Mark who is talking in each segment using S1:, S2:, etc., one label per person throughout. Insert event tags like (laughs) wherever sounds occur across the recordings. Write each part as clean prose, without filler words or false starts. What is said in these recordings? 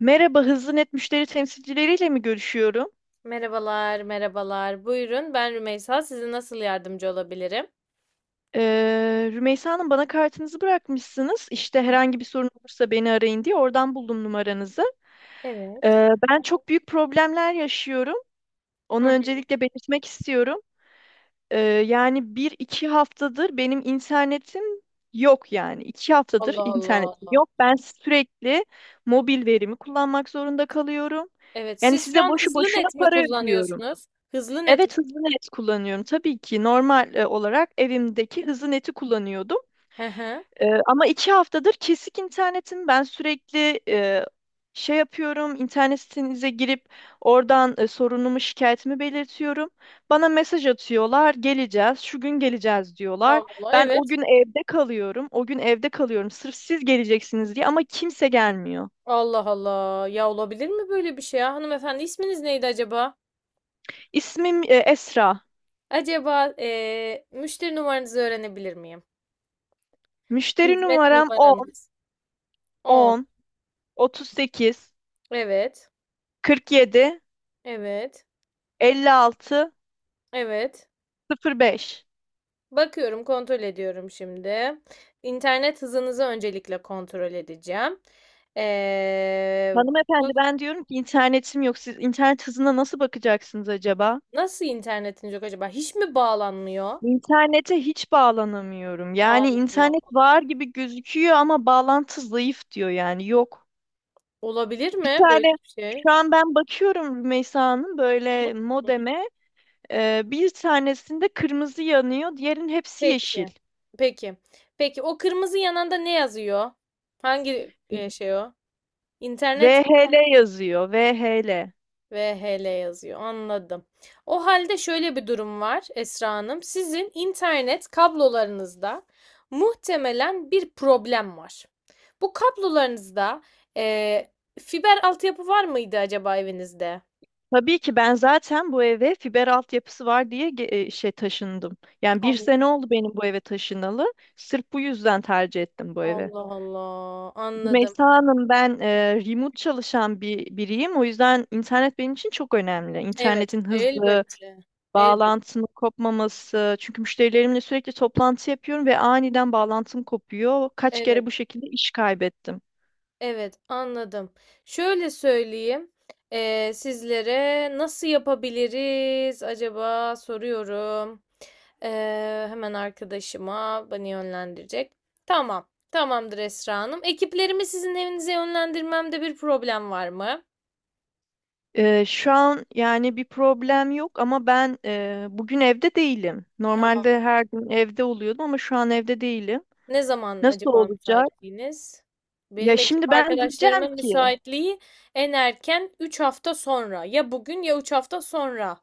S1: Merhaba, Hızlı Net müşteri temsilcileriyle mi görüşüyorum?
S2: Merhabalar, merhabalar. Buyurun, ben Rümeysa. Size nasıl yardımcı olabilirim?
S1: Rümeysa Hanım bana kartınızı bırakmışsınız. İşte
S2: Hı hı.
S1: herhangi bir sorun olursa beni arayın diye oradan buldum numaranızı.
S2: Evet.
S1: Ben çok büyük problemler yaşıyorum.
S2: Hı
S1: Onu
S2: hı.
S1: öncelikle belirtmek istiyorum. Yani bir iki haftadır benim internetim yok yani. İki haftadır
S2: Allah Allah.
S1: internetim yok. Ben sürekli mobil verimi kullanmak zorunda kalıyorum.
S2: Evet,
S1: Yani
S2: siz
S1: size
S2: şu an
S1: boşu
S2: hızlı
S1: boşuna
S2: net mi
S1: para ödüyorum.
S2: kullanıyorsunuz? Hızlı net mi?
S1: Evet, hızlı net kullanıyorum. Tabii ki normal olarak evimdeki hızlı neti kullanıyordum.
S2: Hı hı.
S1: Ama iki haftadır kesik internetim. Ben sürekli şey yapıyorum. İnternet sitenize girip oradan sorunumu, şikayetimi belirtiyorum. Bana mesaj atıyorlar. Geleceğiz. Şu gün geleceğiz diyorlar.
S2: Allah,
S1: Ben o
S2: evet.
S1: gün evde kalıyorum. O gün evde kalıyorum. Sırf siz geleceksiniz diye ama kimse gelmiyor.
S2: Allah Allah. Ya olabilir mi böyle bir şey ya? Hanımefendi isminiz neydi acaba?
S1: İsmim Esra.
S2: Acaba müşteri numaranızı öğrenebilir miyim?
S1: Müşteri
S2: Hizmet
S1: numaram 10
S2: numaranız. On.
S1: 10 38
S2: Evet.
S1: 47
S2: Evet.
S1: 56
S2: Evet.
S1: 05.
S2: Bakıyorum, kontrol ediyorum şimdi. İnternet hızınızı öncelikle kontrol edeceğim. Ee,
S1: Hanımefendi
S2: bak-
S1: ben diyorum ki internetim yok. Siz internet hızına nasıl bakacaksınız acaba?
S2: nasıl internetiniz yok acaba? Hiç mi bağlanmıyor?
S1: İnternete hiç bağlanamıyorum. Yani
S2: Allah
S1: internet
S2: Allah.
S1: var gibi gözüküyor ama bağlantı zayıf diyor yani yok.
S2: Olabilir
S1: Bir
S2: mi böyle
S1: tane
S2: bir şey?
S1: şu an ben bakıyorum Rümeysa Hanım böyle
S2: Hı?
S1: modeme bir tanesinde kırmızı yanıyor diğerinin hepsi yeşil.
S2: Peki. Peki. Peki o kırmızı yananda ne yazıyor? Hangi şey o? İnternet
S1: VHL yazıyor VHL.
S2: VHL yazıyor. Anladım. O halde şöyle bir durum var Esra Hanım. Sizin internet kablolarınızda muhtemelen bir problem var. Bu kablolarınızda eee, fiber altyapı var mıydı acaba evinizde?
S1: Tabii ki ben zaten bu eve fiber altyapısı var diye şey taşındım. Yani bir
S2: Allah
S1: sene oldu benim bu eve taşınalı. Sırf bu yüzden tercih ettim bu evi.
S2: Allah Allah. Anladım.
S1: Rümeysa Hanım ben remote çalışan bir biriyim. O yüzden internet benim için çok önemli.
S2: Evet,
S1: İnternetin hızlı,
S2: elbette. Elbette.
S1: bağlantının kopmaması. Çünkü müşterilerimle sürekli toplantı yapıyorum ve aniden bağlantım kopuyor. Kaç
S2: Evet.
S1: kere bu şekilde iş kaybettim.
S2: Evet, anladım. Şöyle söyleyeyim, sizlere nasıl yapabiliriz acaba soruyorum. Hemen arkadaşıma beni yönlendirecek. Tamam, tamamdır Esra Hanım. Ekiplerimi sizin evinize yönlendirmemde bir problem var mı?
S1: Şu an yani bir problem yok ama ben bugün evde değilim.
S2: Aa,
S1: Normalde her gün evde oluyordum ama şu an evde değilim.
S2: ne zaman
S1: Nasıl
S2: acaba
S1: olacak?
S2: müsaitliğiniz?
S1: Ya
S2: Benim
S1: şimdi
S2: ekip
S1: ben diyeceğim
S2: arkadaşlarımın
S1: ki
S2: müsaitliği en erken 3 hafta sonra. Ya bugün ya 3 hafta sonra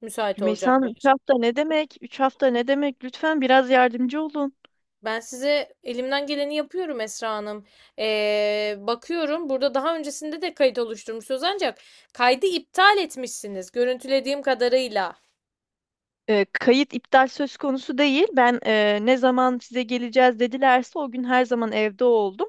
S2: müsait
S1: Rümeysa Hanım, üç
S2: olacaklar.
S1: hafta ne demek? 3 hafta ne demek? Lütfen biraz yardımcı olun.
S2: Ben size elimden geleni yapıyorum Esra Hanım. Bakıyorum burada daha öncesinde de kayıt oluşturmuşsunuz, ancak kaydı iptal etmişsiniz görüntülediğim kadarıyla.
S1: Kayıt iptal söz konusu değil. Ben ne zaman size geleceğiz dedilerse o gün her zaman evde oldum.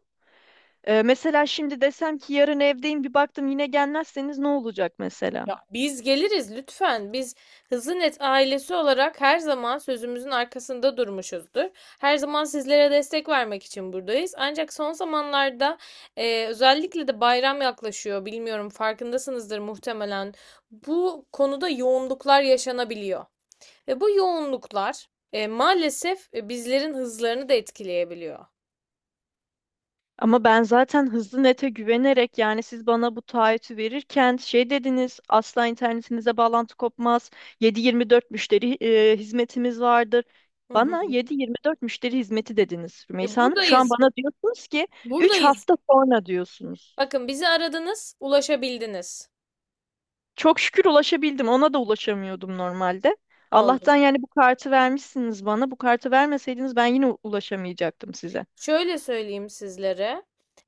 S1: Mesela şimdi desem ki yarın evdeyim bir baktım yine gelmezseniz ne olacak mesela?
S2: Ya biz geliriz lütfen. Biz Hızlı Net ailesi olarak her zaman sözümüzün arkasında durmuşuzdur. Her zaman sizlere destek vermek için buradayız. Ancak son zamanlarda özellikle de bayram yaklaşıyor. Bilmiyorum, farkındasınızdır muhtemelen. Bu konuda yoğunluklar yaşanabiliyor. Ve bu yoğunluklar maalesef bizlerin hızlarını da etkileyebiliyor.
S1: Ama ben zaten hızlı nete güvenerek yani siz bana bu taahhütü verirken şey dediniz asla internetinize bağlantı kopmaz. 7-24 müşteri hizmetimiz vardır.
S2: Hı hı.
S1: Bana 7-24 müşteri hizmeti dediniz Rümeysa Hanım. Şu an
S2: Buradayız.
S1: bana diyorsunuz ki 3
S2: Buradayız.
S1: hafta sonra diyorsunuz.
S2: Bakın bizi aradınız, ulaşabildiniz.
S1: Çok şükür ulaşabildim. Ona da ulaşamıyordum normalde.
S2: Oldu.
S1: Allah'tan yani bu kartı vermişsiniz bana. Bu kartı vermeseydiniz ben yine ulaşamayacaktım size.
S2: Şöyle söyleyeyim sizlere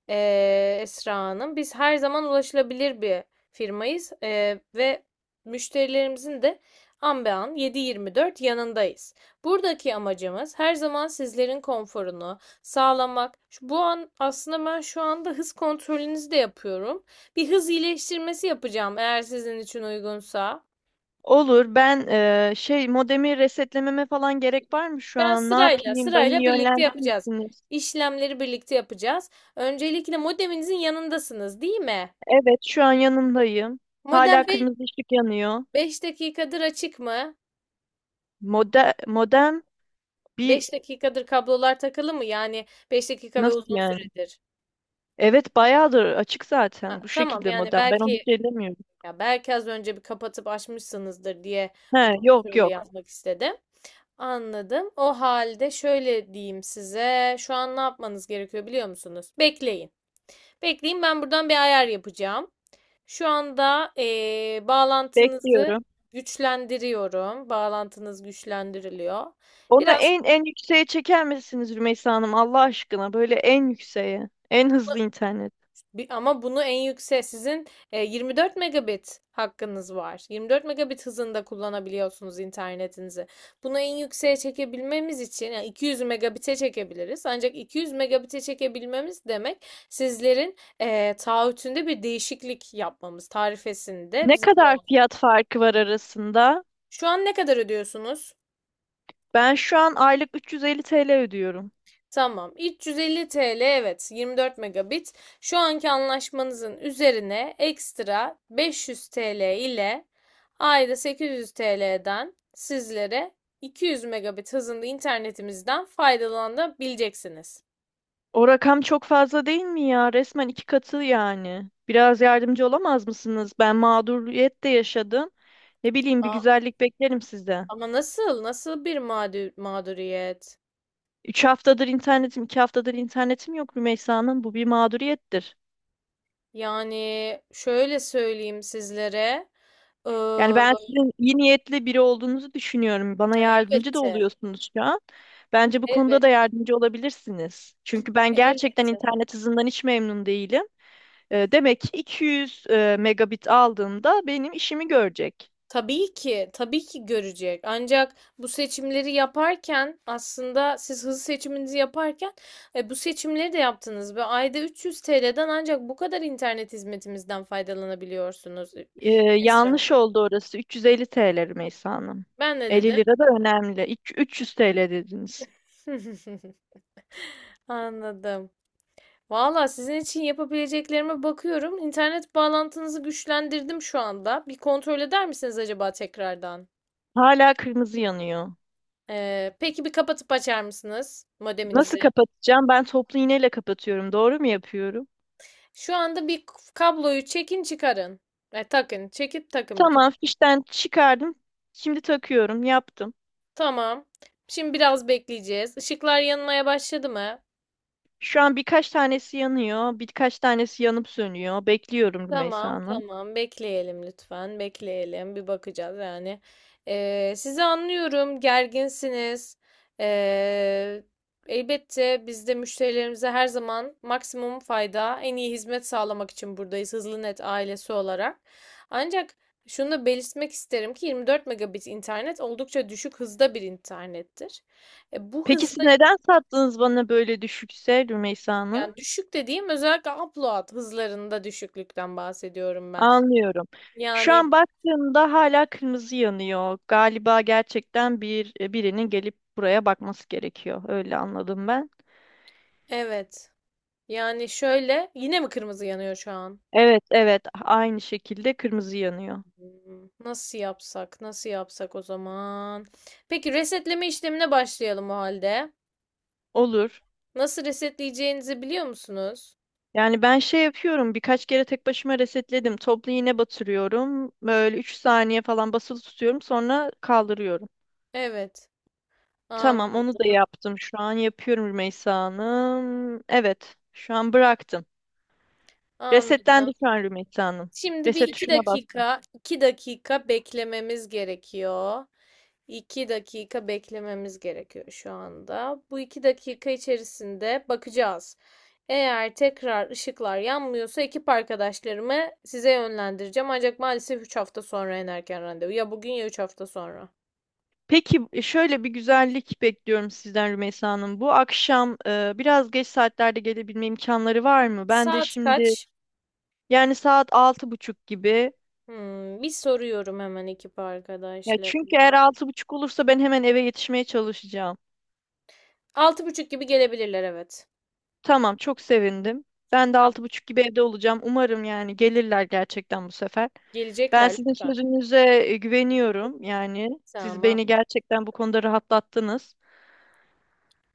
S2: eee, Esra Hanım, biz her zaman ulaşılabilir bir firmayız, ve müşterilerimizin de an be an 7-24 yanındayız. Buradaki amacımız her zaman sizlerin konforunu sağlamak. Bu an aslında ben şu anda hız kontrolünüzü de yapıyorum. Bir hız iyileştirmesi yapacağım eğer sizin için uygunsa.
S1: Olur. Ben şey modemi resetlememe falan gerek var mı şu
S2: Ben
S1: an? Ne
S2: sırayla
S1: yapayım? Beni
S2: sırayla birlikte
S1: yönlendirir
S2: yapacağız.
S1: misiniz?
S2: İşlemleri birlikte yapacağız. Öncelikle modeminizin yanındasınız, değil mi?
S1: Evet, şu an yanındayım. Hala
S2: Modem
S1: kırmızı ışık yanıyor.
S2: 5 dakikadır açık mı?
S1: Modem bir
S2: 5 dakikadır kablolar takılı mı? Yani 5 dakika ve
S1: nasıl
S2: uzun
S1: yani?
S2: süredir.
S1: Evet bayağıdır açık zaten
S2: Ha,
S1: bu
S2: tamam,
S1: şekilde
S2: yani
S1: modem. Ben onu
S2: belki
S1: hiç ellemiyorum.
S2: ya belki az önce bir kapatıp açmışsınızdır diye bu
S1: He yok
S2: kontrolü
S1: yok.
S2: yapmak istedim. Anladım. O halde şöyle diyeyim size. Şu an ne yapmanız gerekiyor biliyor musunuz? Bekleyin. Bekleyin, ben buradan bir ayar yapacağım. Şu anda bağlantınızı
S1: Bekliyorum.
S2: güçlendiriyorum. Bağlantınız güçlendiriliyor.
S1: Onu
S2: Biraz
S1: en yükseğe çeker misiniz Rümeysa Hanım Allah aşkına? Böyle en yükseğe. En hızlı internet.
S2: ama bunu en yüksek sizin 24 megabit hakkınız var. 24 megabit hızında kullanabiliyorsunuz internetinizi. Bunu en yükseğe çekebilmemiz için yani 200 megabit'e çekebiliriz. Ancak 200 megabit'e çekebilmemiz demek sizlerin taahhütünde bir değişiklik yapmamız, tarifesinde
S1: Ne
S2: bizim de
S1: kadar
S2: olmamız.
S1: fiyat farkı var arasında?
S2: Şu an ne kadar ödüyorsunuz?
S1: Ben şu an aylık 350 TL ödüyorum.
S2: Tamam. 350 TL, evet, 24 megabit. Şu anki anlaşmanızın üzerine ekstra 500 TL ile ayda 800 TL'den sizlere 200 megabit hızında internetimizden faydalanabileceksiniz.
S1: O rakam çok fazla değil mi ya? Resmen iki katı yani. Biraz yardımcı olamaz mısınız? Ben mağduriyet de yaşadım. Ne bileyim bir
S2: Aa,
S1: güzellik beklerim sizden.
S2: ama nasıl? Mağduriyet?
S1: Üç haftadır internetim, iki haftadır internetim yok Rümeysa Hanım. Bu bir mağduriyettir.
S2: Yani şöyle söyleyeyim sizlere. Ee,
S1: Yani ben sizin iyi niyetli biri olduğunuzu düşünüyorum. Bana yardımcı da
S2: elbette.
S1: oluyorsunuz şu an. Bence bu konuda da
S2: Elbette.
S1: yardımcı olabilirsiniz. Çünkü ben gerçekten
S2: Elbette.
S1: internet hızından hiç memnun değilim. Demek ki 200 megabit aldığımda benim işimi görecek.
S2: Tabii ki, tabii ki görecek. Ancak bu seçimleri yaparken aslında siz hızlı seçiminizi yaparken bu seçimleri de yaptınız ve ayda 300 TL'den ancak bu kadar internet hizmetimizden faydalanabiliyorsunuz,
S1: E,
S2: Esra
S1: Yanlış
S2: Hanım.
S1: oldu orası. 350 TL Rümeysa Hanım.
S2: Ben de
S1: 50
S2: dedim?
S1: lira da önemli. İki- 300 TL dediniz.
S2: (laughs) Anladım. Valla sizin için yapabileceklerime bakıyorum. İnternet bağlantınızı güçlendirdim şu anda. Bir kontrol eder misiniz acaba tekrardan?
S1: Hala kırmızı yanıyor.
S2: Peki bir kapatıp açar mısınız
S1: Nasıl
S2: modeminizi?
S1: kapatacağım? Ben toplu iğneyle kapatıyorum. Doğru mu yapıyorum?
S2: Şu anda bir kabloyu çekin çıkarın. Takın. Çekip takın bir kablo.
S1: Tamam, fişten çıkardım. Şimdi takıyorum. Yaptım.
S2: Tamam. Şimdi biraz bekleyeceğiz. Işıklar yanmaya başladı mı?
S1: Şu an birkaç tanesi yanıyor, birkaç tanesi yanıp sönüyor. Bekliyorum Rümeysa
S2: Tamam,
S1: Hanım.
S2: tamam, bekleyelim lütfen, bekleyelim, bir bakacağız. Yani, sizi anlıyorum, gerginsiniz. Ee, Elbette biz de müşterilerimize her zaman maksimum fayda, en iyi hizmet sağlamak için buradayız Hızlı Net ailesi olarak, ancak şunu da belirtmek isterim ki 24 megabit internet oldukça düşük hızda bir internettir. Bu
S1: Peki siz
S2: hızda
S1: neden sattınız bana böyle düşükse Rümeysa Hanım?
S2: yani, düşük dediğim özellikle upload hızlarında düşüklükten bahsediyorum ben.
S1: Anlıyorum. Şu
S2: Yani
S1: an baktığımda hala kırmızı yanıyor. Galiba gerçekten bir birinin gelip buraya bakması gerekiyor. Öyle anladım ben.
S2: evet. Yani şöyle, yine mi kırmızı yanıyor şu an?
S1: Evet, evet. Aynı şekilde kırmızı yanıyor.
S2: Nasıl yapsak? Nasıl yapsak o zaman? Peki resetleme işlemine başlayalım o halde.
S1: Olur.
S2: Nasıl resetleyeceğinizi biliyor musunuz?
S1: Yani ben şey yapıyorum birkaç kere tek başıma resetledim. Toplu iğne batırıyorum. Böyle 3 saniye falan basılı tutuyorum sonra kaldırıyorum.
S2: Evet.
S1: Tamam onu da
S2: Anladım.
S1: yaptım. Şu an yapıyorum Rümeysa Hanım. Evet şu an bıraktım. Resetlendi
S2: Anladım.
S1: şu an Rümeysa Hanım.
S2: Şimdi bir
S1: Reset
S2: iki
S1: tuşuna bastım.
S2: dakika, 2 dakika beklememiz gerekiyor. İki dakika beklememiz gerekiyor şu anda. Bu 2 dakika içerisinde bakacağız. Eğer tekrar ışıklar yanmıyorsa ekip arkadaşlarımı size yönlendireceğim. Ancak maalesef 3 hafta sonra en erken randevu. Ya bugün ya 3 hafta sonra.
S1: Peki şöyle bir güzellik bekliyorum sizden Rümeysa Hanım. Bu akşam biraz geç saatlerde gelebilme imkanları var mı? Ben de
S2: Saat
S1: şimdi
S2: kaç?
S1: yani saat 6.30 gibi.
S2: Bir soruyorum hemen ekip
S1: Ya çünkü eğer
S2: arkadaşlarıma.
S1: 6.30 olursa ben hemen eve yetişmeye çalışacağım.
S2: 6 buçuk gibi gelebilirler, evet.
S1: Tamam, çok sevindim. Ben de
S2: Tamam.
S1: 6.30 gibi evde olacağım. Umarım yani gelirler gerçekten bu sefer. Ben
S2: Gelecekler
S1: sizin
S2: lütfen.
S1: sözünüze güveniyorum. Yani siz
S2: Tamam.
S1: beni gerçekten bu konuda rahatlattınız.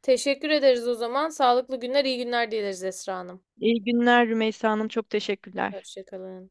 S2: Teşekkür ederiz o zaman. Sağlıklı günler, iyi günler dileriz Esra Hanım.
S1: İyi günler Rümeysa Hanım. Çok teşekkürler.
S2: Hoşça